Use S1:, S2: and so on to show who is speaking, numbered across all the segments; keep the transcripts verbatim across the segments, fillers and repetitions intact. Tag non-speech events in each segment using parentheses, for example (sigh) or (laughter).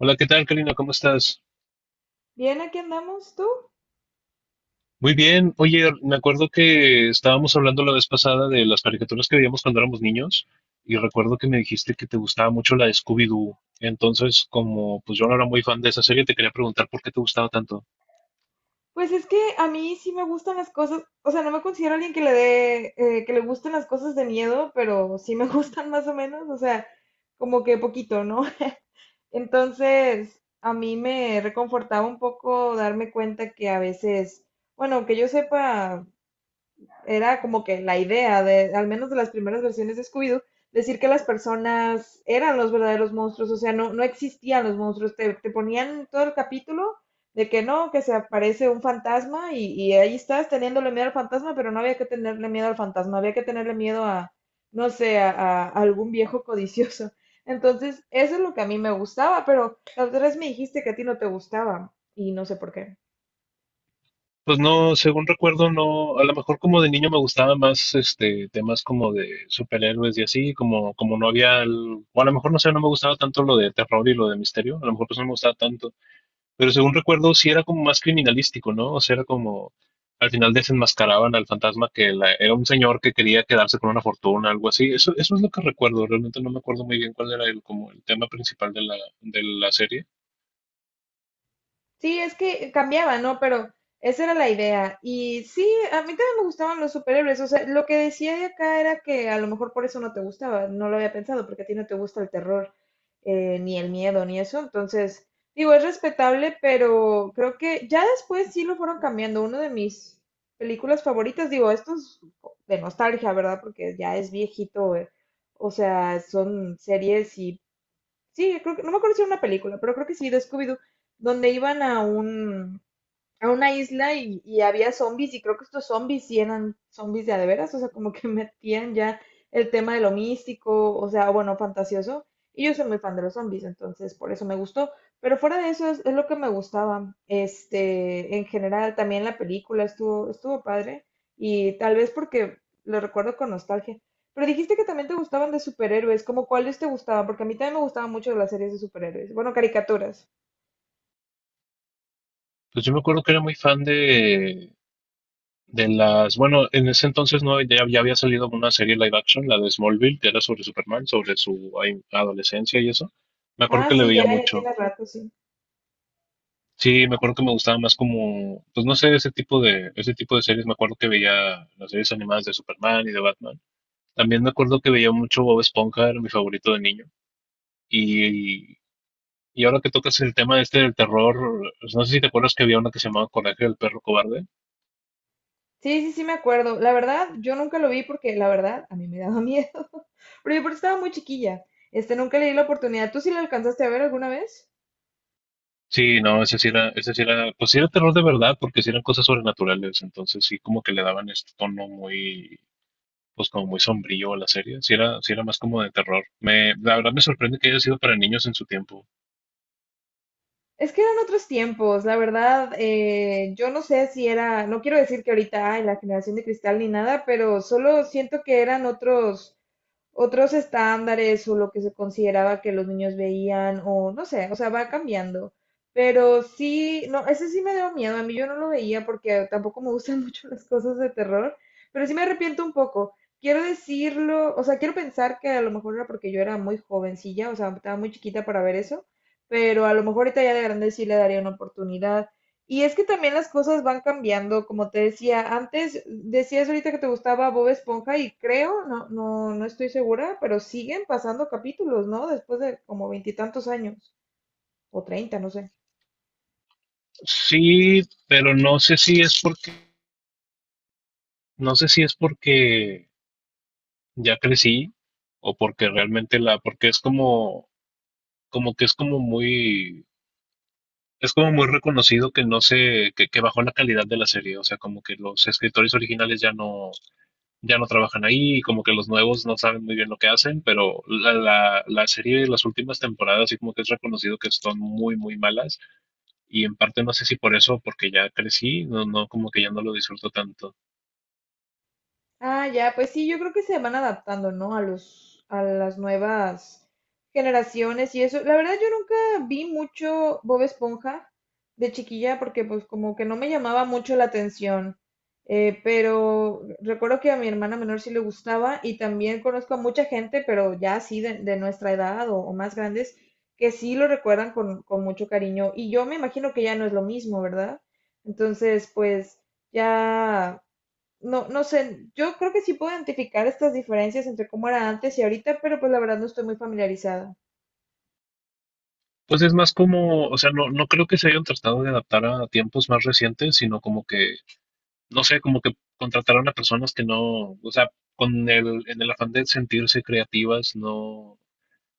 S1: Hola, ¿qué tal, Karina? ¿Cómo estás?
S2: Bien, aquí andamos, ¿tú?
S1: Muy bien. Oye, me acuerdo que estábamos hablando la vez pasada de las caricaturas que veíamos cuando éramos niños y recuerdo que me dijiste que te gustaba mucho la de Scooby-Doo. Entonces, como pues yo no era muy fan de esa serie, te quería preguntar por qué te gustaba tanto.
S2: Pues es que a mí sí me gustan las cosas, o sea, no me considero alguien que le dé, eh, que le gusten las cosas de miedo, pero sí me (laughs) gustan más o menos, o sea, como que poquito, ¿no? (laughs) Entonces, a mí me reconfortaba un poco darme cuenta que a veces, bueno, que yo sepa, era como que la idea de, al menos de las primeras versiones de Scooby-Doo, decir que las personas eran los verdaderos monstruos, o sea, no, no existían los monstruos, te, te ponían todo el capítulo de que no, que se aparece un fantasma y, y ahí estás teniéndole miedo al fantasma, pero no había que tenerle miedo al fantasma, había que tenerle miedo a, no sé, a, a algún viejo (laughs) codicioso. Entonces, eso es lo que a mí me gustaba, pero la otra vez me dijiste que a ti no te gustaba y no sé por qué.
S1: Pues no, según recuerdo, no, a lo mejor como de niño me gustaba más este temas como de superhéroes y así, como como no había, el- o a lo mejor no sé, no me gustaba tanto lo de terror y lo de misterio, a lo mejor pues no me gustaba tanto. Pero según recuerdo, sí era como más criminalístico, ¿no? O sea, era como, al final desenmascaraban al fantasma que la- era un señor que quería quedarse con una fortuna, algo así. Eso, eso es lo que recuerdo. Realmente no me acuerdo muy bien cuál era el, como el tema principal de la, de la serie.
S2: Sí, es que cambiaba, ¿no? Pero esa era la idea. Y sí, a mí también me gustaban los superhéroes. O sea, lo que decía de acá era que a lo mejor por eso no te gustaba. No lo había pensado, porque a ti no te gusta el terror, eh, ni el miedo, ni eso. Entonces, digo, es respetable, pero creo que ya después sí lo fueron cambiando. Uno de mis películas favoritas, digo, esto es de nostalgia, ¿verdad? Porque ya es viejito. eh, O sea, son series y sí, creo que, no me acuerdo si era una película, pero creo que sí, de Scooby-Doo, donde iban a un, a una isla y, y había zombies y creo que estos zombies sí eran zombies de a de veras, o sea, como que (laughs) metían ya el tema de lo místico, o sea, bueno, fantasioso. Y yo soy muy fan de los zombies, entonces por eso me gustó. Pero fuera de eso es, es lo que me gustaba. Este, en general, también la película estuvo, estuvo padre y tal vez porque lo recuerdo con nostalgia. Pero dijiste que también te gustaban de superhéroes, ¿como cuáles te gustaban? Porque a mí también me gustaban mucho las series de superhéroes. Bueno, caricaturas.
S1: Pues yo me acuerdo que era muy fan de, de las, bueno, en ese entonces no, ya, ya había salido una serie live action, la de Smallville, que era sobre Superman, sobre su ay, adolescencia y eso. Me acuerdo
S2: Ah,
S1: que le
S2: sí, ya,
S1: veía
S2: ya
S1: mucho.
S2: tienes rato, sí.
S1: Sí, me acuerdo que me gustaba más como, pues no sé, ese tipo de, ese tipo de series. Me acuerdo que veía las series animadas de Superman y de Batman. También me acuerdo que veía mucho Bob Esponja, era mi favorito de niño. Y, y ahora que tocas el tema este del terror, pues, no sé si te acuerdas que había una que se llamaba Coraje del perro cobarde.
S2: Sí, sí, sí me acuerdo. La verdad, yo nunca lo vi porque la verdad a mí me daba miedo. (laughs) Pero yo porque estaba muy chiquilla. Este, nunca le di la oportunidad. ¿Tú sí lo alcanzaste a ver alguna vez?
S1: Sí, no, ese sí era, ese sí era, pues sí era terror de verdad, porque sí eran cosas sobrenaturales. Entonces sí como que le daban este tono muy, pues como muy sombrío a la serie. Sí era, sí era más como de terror. Me, la verdad me sorprende que haya sido para niños en su tiempo.
S2: Es que eran otros tiempos, la verdad. eh, yo no sé si era, no quiero decir que ahorita hay la generación de cristal ni nada, pero solo siento que eran otros, otros estándares o lo que se consideraba que los niños veían o no sé, o sea, va cambiando. Pero sí, no, ese sí me dio miedo. A mí yo no lo veía porque tampoco me gustan (laughs) mucho las cosas de terror, pero sí me arrepiento un poco. Quiero decirlo, o sea, quiero pensar que a lo mejor era porque yo era muy jovencilla, o sea, estaba muy chiquita para ver eso, pero a lo mejor ahorita ya de grande sí le daría una oportunidad. Y es que también las cosas van cambiando, como te decía, antes decías ahorita que te gustaba Bob Esponja y creo, no, no, no estoy segura, pero siguen pasando capítulos, ¿no? Después de como veintitantos años, o treinta, no sé.
S1: Sí, pero no sé si es porque, no sé si es porque ya crecí o porque realmente la, porque es como, como que es como muy, es como muy reconocido que no se, que, que bajó la calidad de la serie, o sea, como que los escritores originales ya no, ya no trabajan ahí, y como que los nuevos no saben muy bien lo que hacen, pero la, la, la serie de las últimas temporadas, así como que es reconocido que son muy, muy malas, y en parte no sé si por eso, porque ya crecí, no, no, como que ya no lo disfruto tanto.
S2: Ah, ya, pues sí, yo creo que se van adaptando, ¿no? A los, a las nuevas generaciones y eso. La verdad, yo nunca vi mucho Bob Esponja de chiquilla porque pues como que no me llamaba mucho la atención. Eh, pero recuerdo que a mi hermana menor sí le gustaba y también conozco a mucha gente, pero ya así de, de, nuestra edad o, o más grandes, que sí lo recuerdan con, con mucho cariño. Y yo me imagino que ya no es lo mismo, ¿verdad? Entonces, pues ya no, no sé, yo creo que sí puedo identificar estas diferencias entre cómo era antes y ahorita, pero pues la verdad no estoy muy familiarizada.
S1: Pues es más como, o sea, no, no creo que se hayan tratado de adaptar a tiempos más recientes, sino como que, no sé, como que contrataron a personas que no, o sea, con el, en el afán de sentirse creativas, no,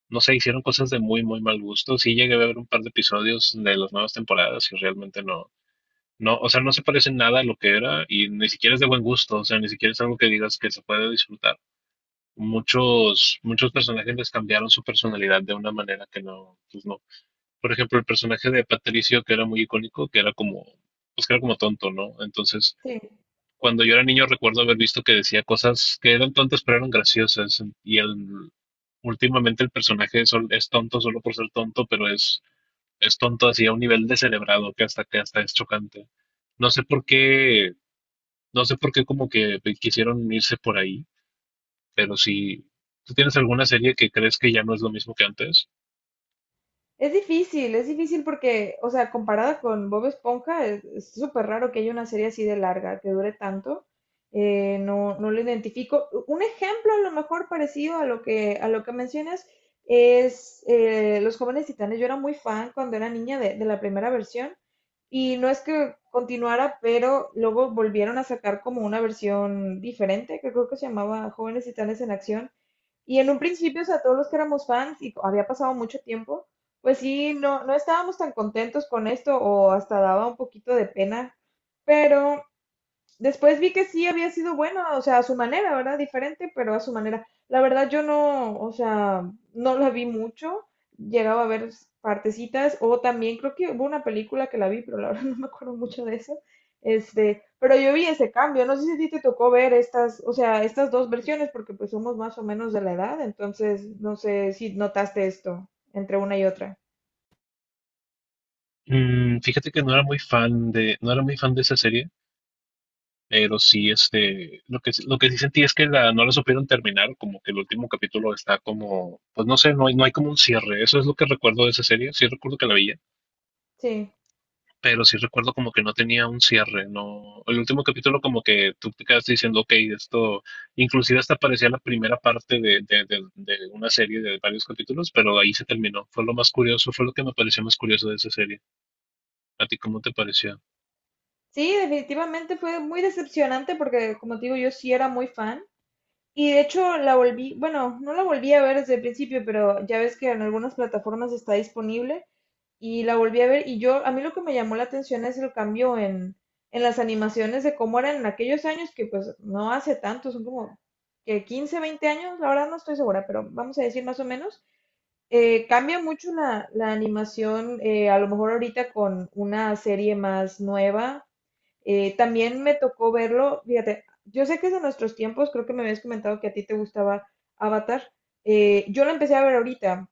S1: no sé, hicieron cosas de muy, muy mal gusto. Sí llegué a ver un par de episodios de las nuevas temporadas y realmente no, no, o sea, no se parece nada a lo que era y ni siquiera es de buen gusto, o sea, ni siquiera es algo que digas que se puede disfrutar. Muchos, muchos personajes les cambiaron su personalidad de una manera que no, pues no, por ejemplo, el personaje de Patricio, que era muy icónico, que era como, pues que era como tonto, ¿no? Entonces,
S2: Sí.
S1: cuando yo era niño recuerdo haber visto que decía cosas que eran tontas pero eran graciosas. Y el, últimamente el personaje es, es tonto solo por ser tonto, pero es, es tonto así a un nivel descerebrado que hasta, que hasta es chocante. No sé por qué, no sé por qué como que quisieron irse por ahí, pero si ¿tú tienes alguna serie que crees que ya no es lo mismo que antes?
S2: Es difícil, es difícil porque, o sea, comparada con Bob Esponja, es es súper raro que haya una serie así de larga, que dure tanto. Eh, no, no lo identifico. Un ejemplo a lo mejor parecido a lo que, a lo que, mencionas es eh, Los Jóvenes Titanes. Yo era muy fan cuando era niña de, de la primera versión y no es que continuara, pero luego volvieron a sacar como una versión diferente, que creo que se llamaba Jóvenes Titanes en Acción. Y en un principio, o sea, todos los que éramos fans y había pasado mucho tiempo, pues sí, no, no estábamos tan contentos con esto o hasta daba un poquito de pena, pero después vi que sí había sido buena, o sea, a su manera, ¿verdad? Diferente, pero a su manera. La verdad yo no, o sea, no la vi mucho, llegaba a ver partecitas, o también creo que hubo una película que la vi, pero la verdad (laughs) no me acuerdo mucho de eso. Este, pero yo vi ese cambio, no sé si a ti te tocó ver estas, o sea, estas dos versiones, porque pues somos más o menos de la edad, entonces no sé si notaste esto entre una y otra.
S1: Mm, fíjate que no era muy fan de, no era muy fan de esa serie. Pero sí, este, lo que, sí, lo que sí sentí es que la, no la supieron terminar, como que el último capítulo está como, pues no sé, no hay, no hay como un cierre, eso es lo que recuerdo de esa serie, sí recuerdo que la veía,
S2: Sí.
S1: pero sí recuerdo como que no tenía un cierre, no, el último capítulo como que tú te quedas diciendo, ok, esto, inclusive hasta parecía la primera parte de, de, de- de una serie de varios capítulos, pero ahí se terminó, fue lo más curioso, fue lo que me pareció más curioso de esa serie, ¿a ti cómo te pareció?
S2: Sí, definitivamente fue muy decepcionante porque, como te digo, yo sí era muy fan. Y de hecho la volví, bueno, no la volví a ver desde el principio, pero ya ves que en algunas plataformas está disponible y la volví a ver y yo, a mí lo que me llamó la atención es el cambio en, en, las animaciones de cómo eran en aquellos años, que pues no hace tanto, son como que quince veinte años, la verdad no estoy segura, pero vamos a decir más o menos. Eh, cambia mucho la, la animación, eh, a lo mejor ahorita con una serie más nueva, eh, también me tocó verlo, fíjate, yo sé que es de nuestros tiempos, creo que me habías comentado que a ti te gustaba Avatar. Eh, yo lo empecé a ver ahorita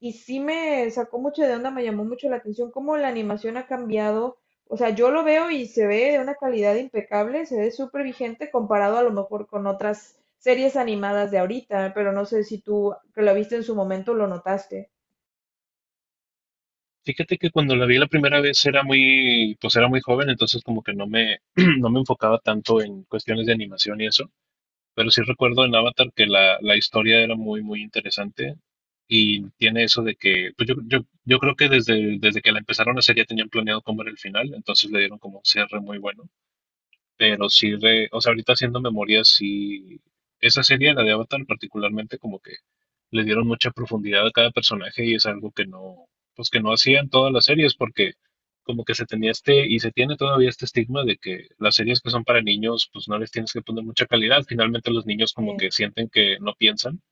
S2: y sí me sacó mucho de onda, me llamó mucho la atención cómo la animación ha cambiado. O sea, yo lo veo y se ve de una calidad impecable, se ve súper vigente comparado a lo mejor con otras series animadas de ahorita, pero no sé si tú que lo viste en su momento lo notaste.
S1: Fíjate que cuando la vi la primera vez era muy, pues era muy joven, entonces como que no me, (clears throat) no me enfocaba tanto en cuestiones de animación y eso, pero sí recuerdo en Avatar que la, la historia era muy, muy interesante y tiene eso de que, pues yo, yo, yo creo que desde, desde que la empezaron a hacer ya tenían planeado cómo era el final, entonces le dieron como un cierre muy bueno. Pero sí, re- o sea, ahorita haciendo memoria, sí, esa serie, la de Avatar, particularmente, como que le dieron mucha profundidad a cada personaje y es algo que no, pues que no hacían todas las series, porque como que se tenía este, y se tiene todavía este estigma de que las series que son para niños, pues no les tienes que poner mucha calidad. Finalmente los niños como que sienten que no piensan,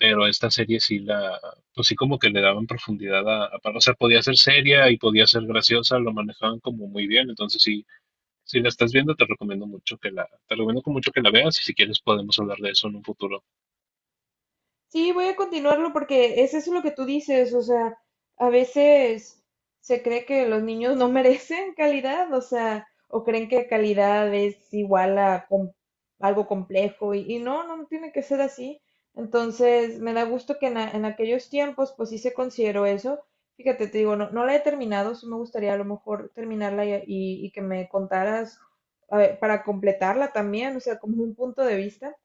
S1: pero a esta serie sí la, pues sí como que le daban profundidad a, a- o sea, podía ser seria y podía ser graciosa, lo manejaban como muy bien, entonces sí si la estás viendo, te recomiendo mucho que la, te recomiendo con mucho que la veas y si quieres podemos hablar de eso en un futuro.
S2: Sí, voy a continuarlo porque es eso lo que tú dices, o sea, a veces se cree que los niños no (laughs) merecen calidad, o sea, o creen que calidad es igual a com- algo complejo y, y no, no no tiene que ser así. Entonces, me da gusto que en, a- en aquellos tiempos, pues sí se consideró eso. Fíjate, te digo, no, no la he terminado, sí me gustaría a lo mejor terminarla y, y- y que me contaras, a ver, para completarla también, o sea, como un punto de vista.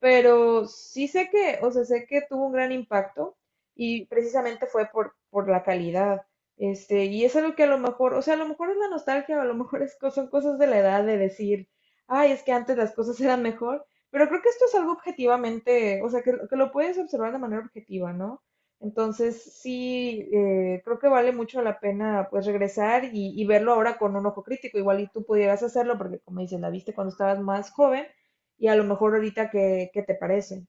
S2: Pero sí sé que, o sea, sé que tuvo un gran impacto y precisamente fue por, por, la calidad. Este, y es algo que a lo mejor, o sea, a lo mejor es la nostalgia, o a lo mejor es, co- son cosas de la edad de decir, ay, es que antes las cosas (laughs) eran mejor, pero creo que esto es algo objetivamente, o sea, que, que lo puedes observar de manera objetiva, ¿no? Entonces, sí, eh, creo que vale mucho la pena, pues, regresar y, y verlo ahora con un ojo crítico, igual y tú pudieras hacerlo, porque como dices, la viste cuando estabas más joven, y a lo mejor ahorita qué, qué te parece.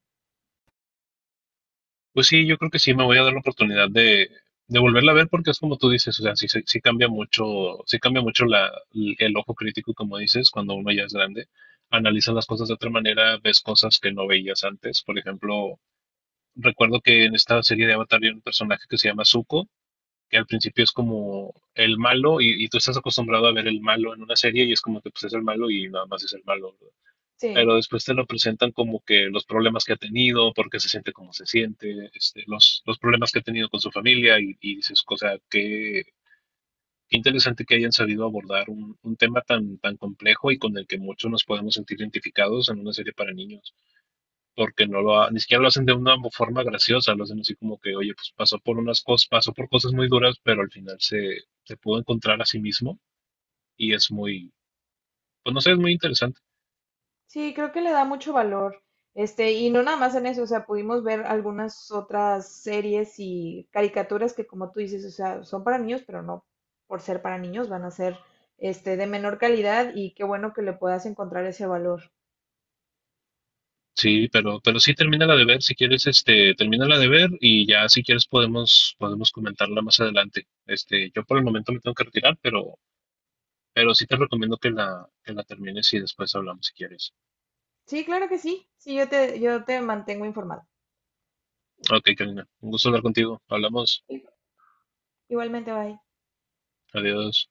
S1: Pues sí, yo creo que sí me voy a dar la oportunidad de, de volverla a ver porque es como tú dices, o sea, sí, sí, sí cambia mucho, sí cambia mucho la, el ojo crítico, como dices, cuando uno ya es grande, analiza las cosas de otra manera, ves cosas que no veías antes. Por ejemplo, recuerdo que en esta serie de Avatar hay un personaje que se llama Zuko, que al principio es como el malo y, y tú estás acostumbrado a ver el malo en una serie y es como que pues es el malo y nada más es el malo,
S2: Sí,
S1: pero después te lo presentan como que los problemas que ha tenido, por qué se siente como se siente, este, los, los problemas que ha tenido con su familia y, y dices, o sea, qué, qué interesante que hayan sabido abordar un, un tema tan, tan complejo y con el que muchos nos podemos sentir identificados en una serie para niños, porque no lo ha- ni siquiera lo hacen de una forma graciosa, lo hacen así como que, oye, pues pasó por unas cosas, pasó por cosas muy duras, pero al final se, se pudo encontrar a sí mismo y es muy, pues no sé, es muy interesante.
S2: sí, creo que le da mucho valor. Este, y no nada más en eso, o sea, pudimos ver algunas otras series y caricaturas que como tú dices, o sea, son para niños, pero no por ser para niños, van a ser este de menor calidad y qué bueno que le puedas encontrar ese valor.
S1: Sí, pero, pero sí termínala de ver, si quieres, este, termínala de ver y ya si quieres podemos, podemos comentarla más adelante. Este, yo por el momento me tengo que retirar, pero, pero sí te recomiendo que la, que la termines y después hablamos si quieres.
S2: Sí, claro que sí. Sí, yo te, yo te mantengo informado.
S1: Ok, Karina, un gusto hablar contigo. Hablamos.
S2: Igualmente, bye.
S1: Adiós.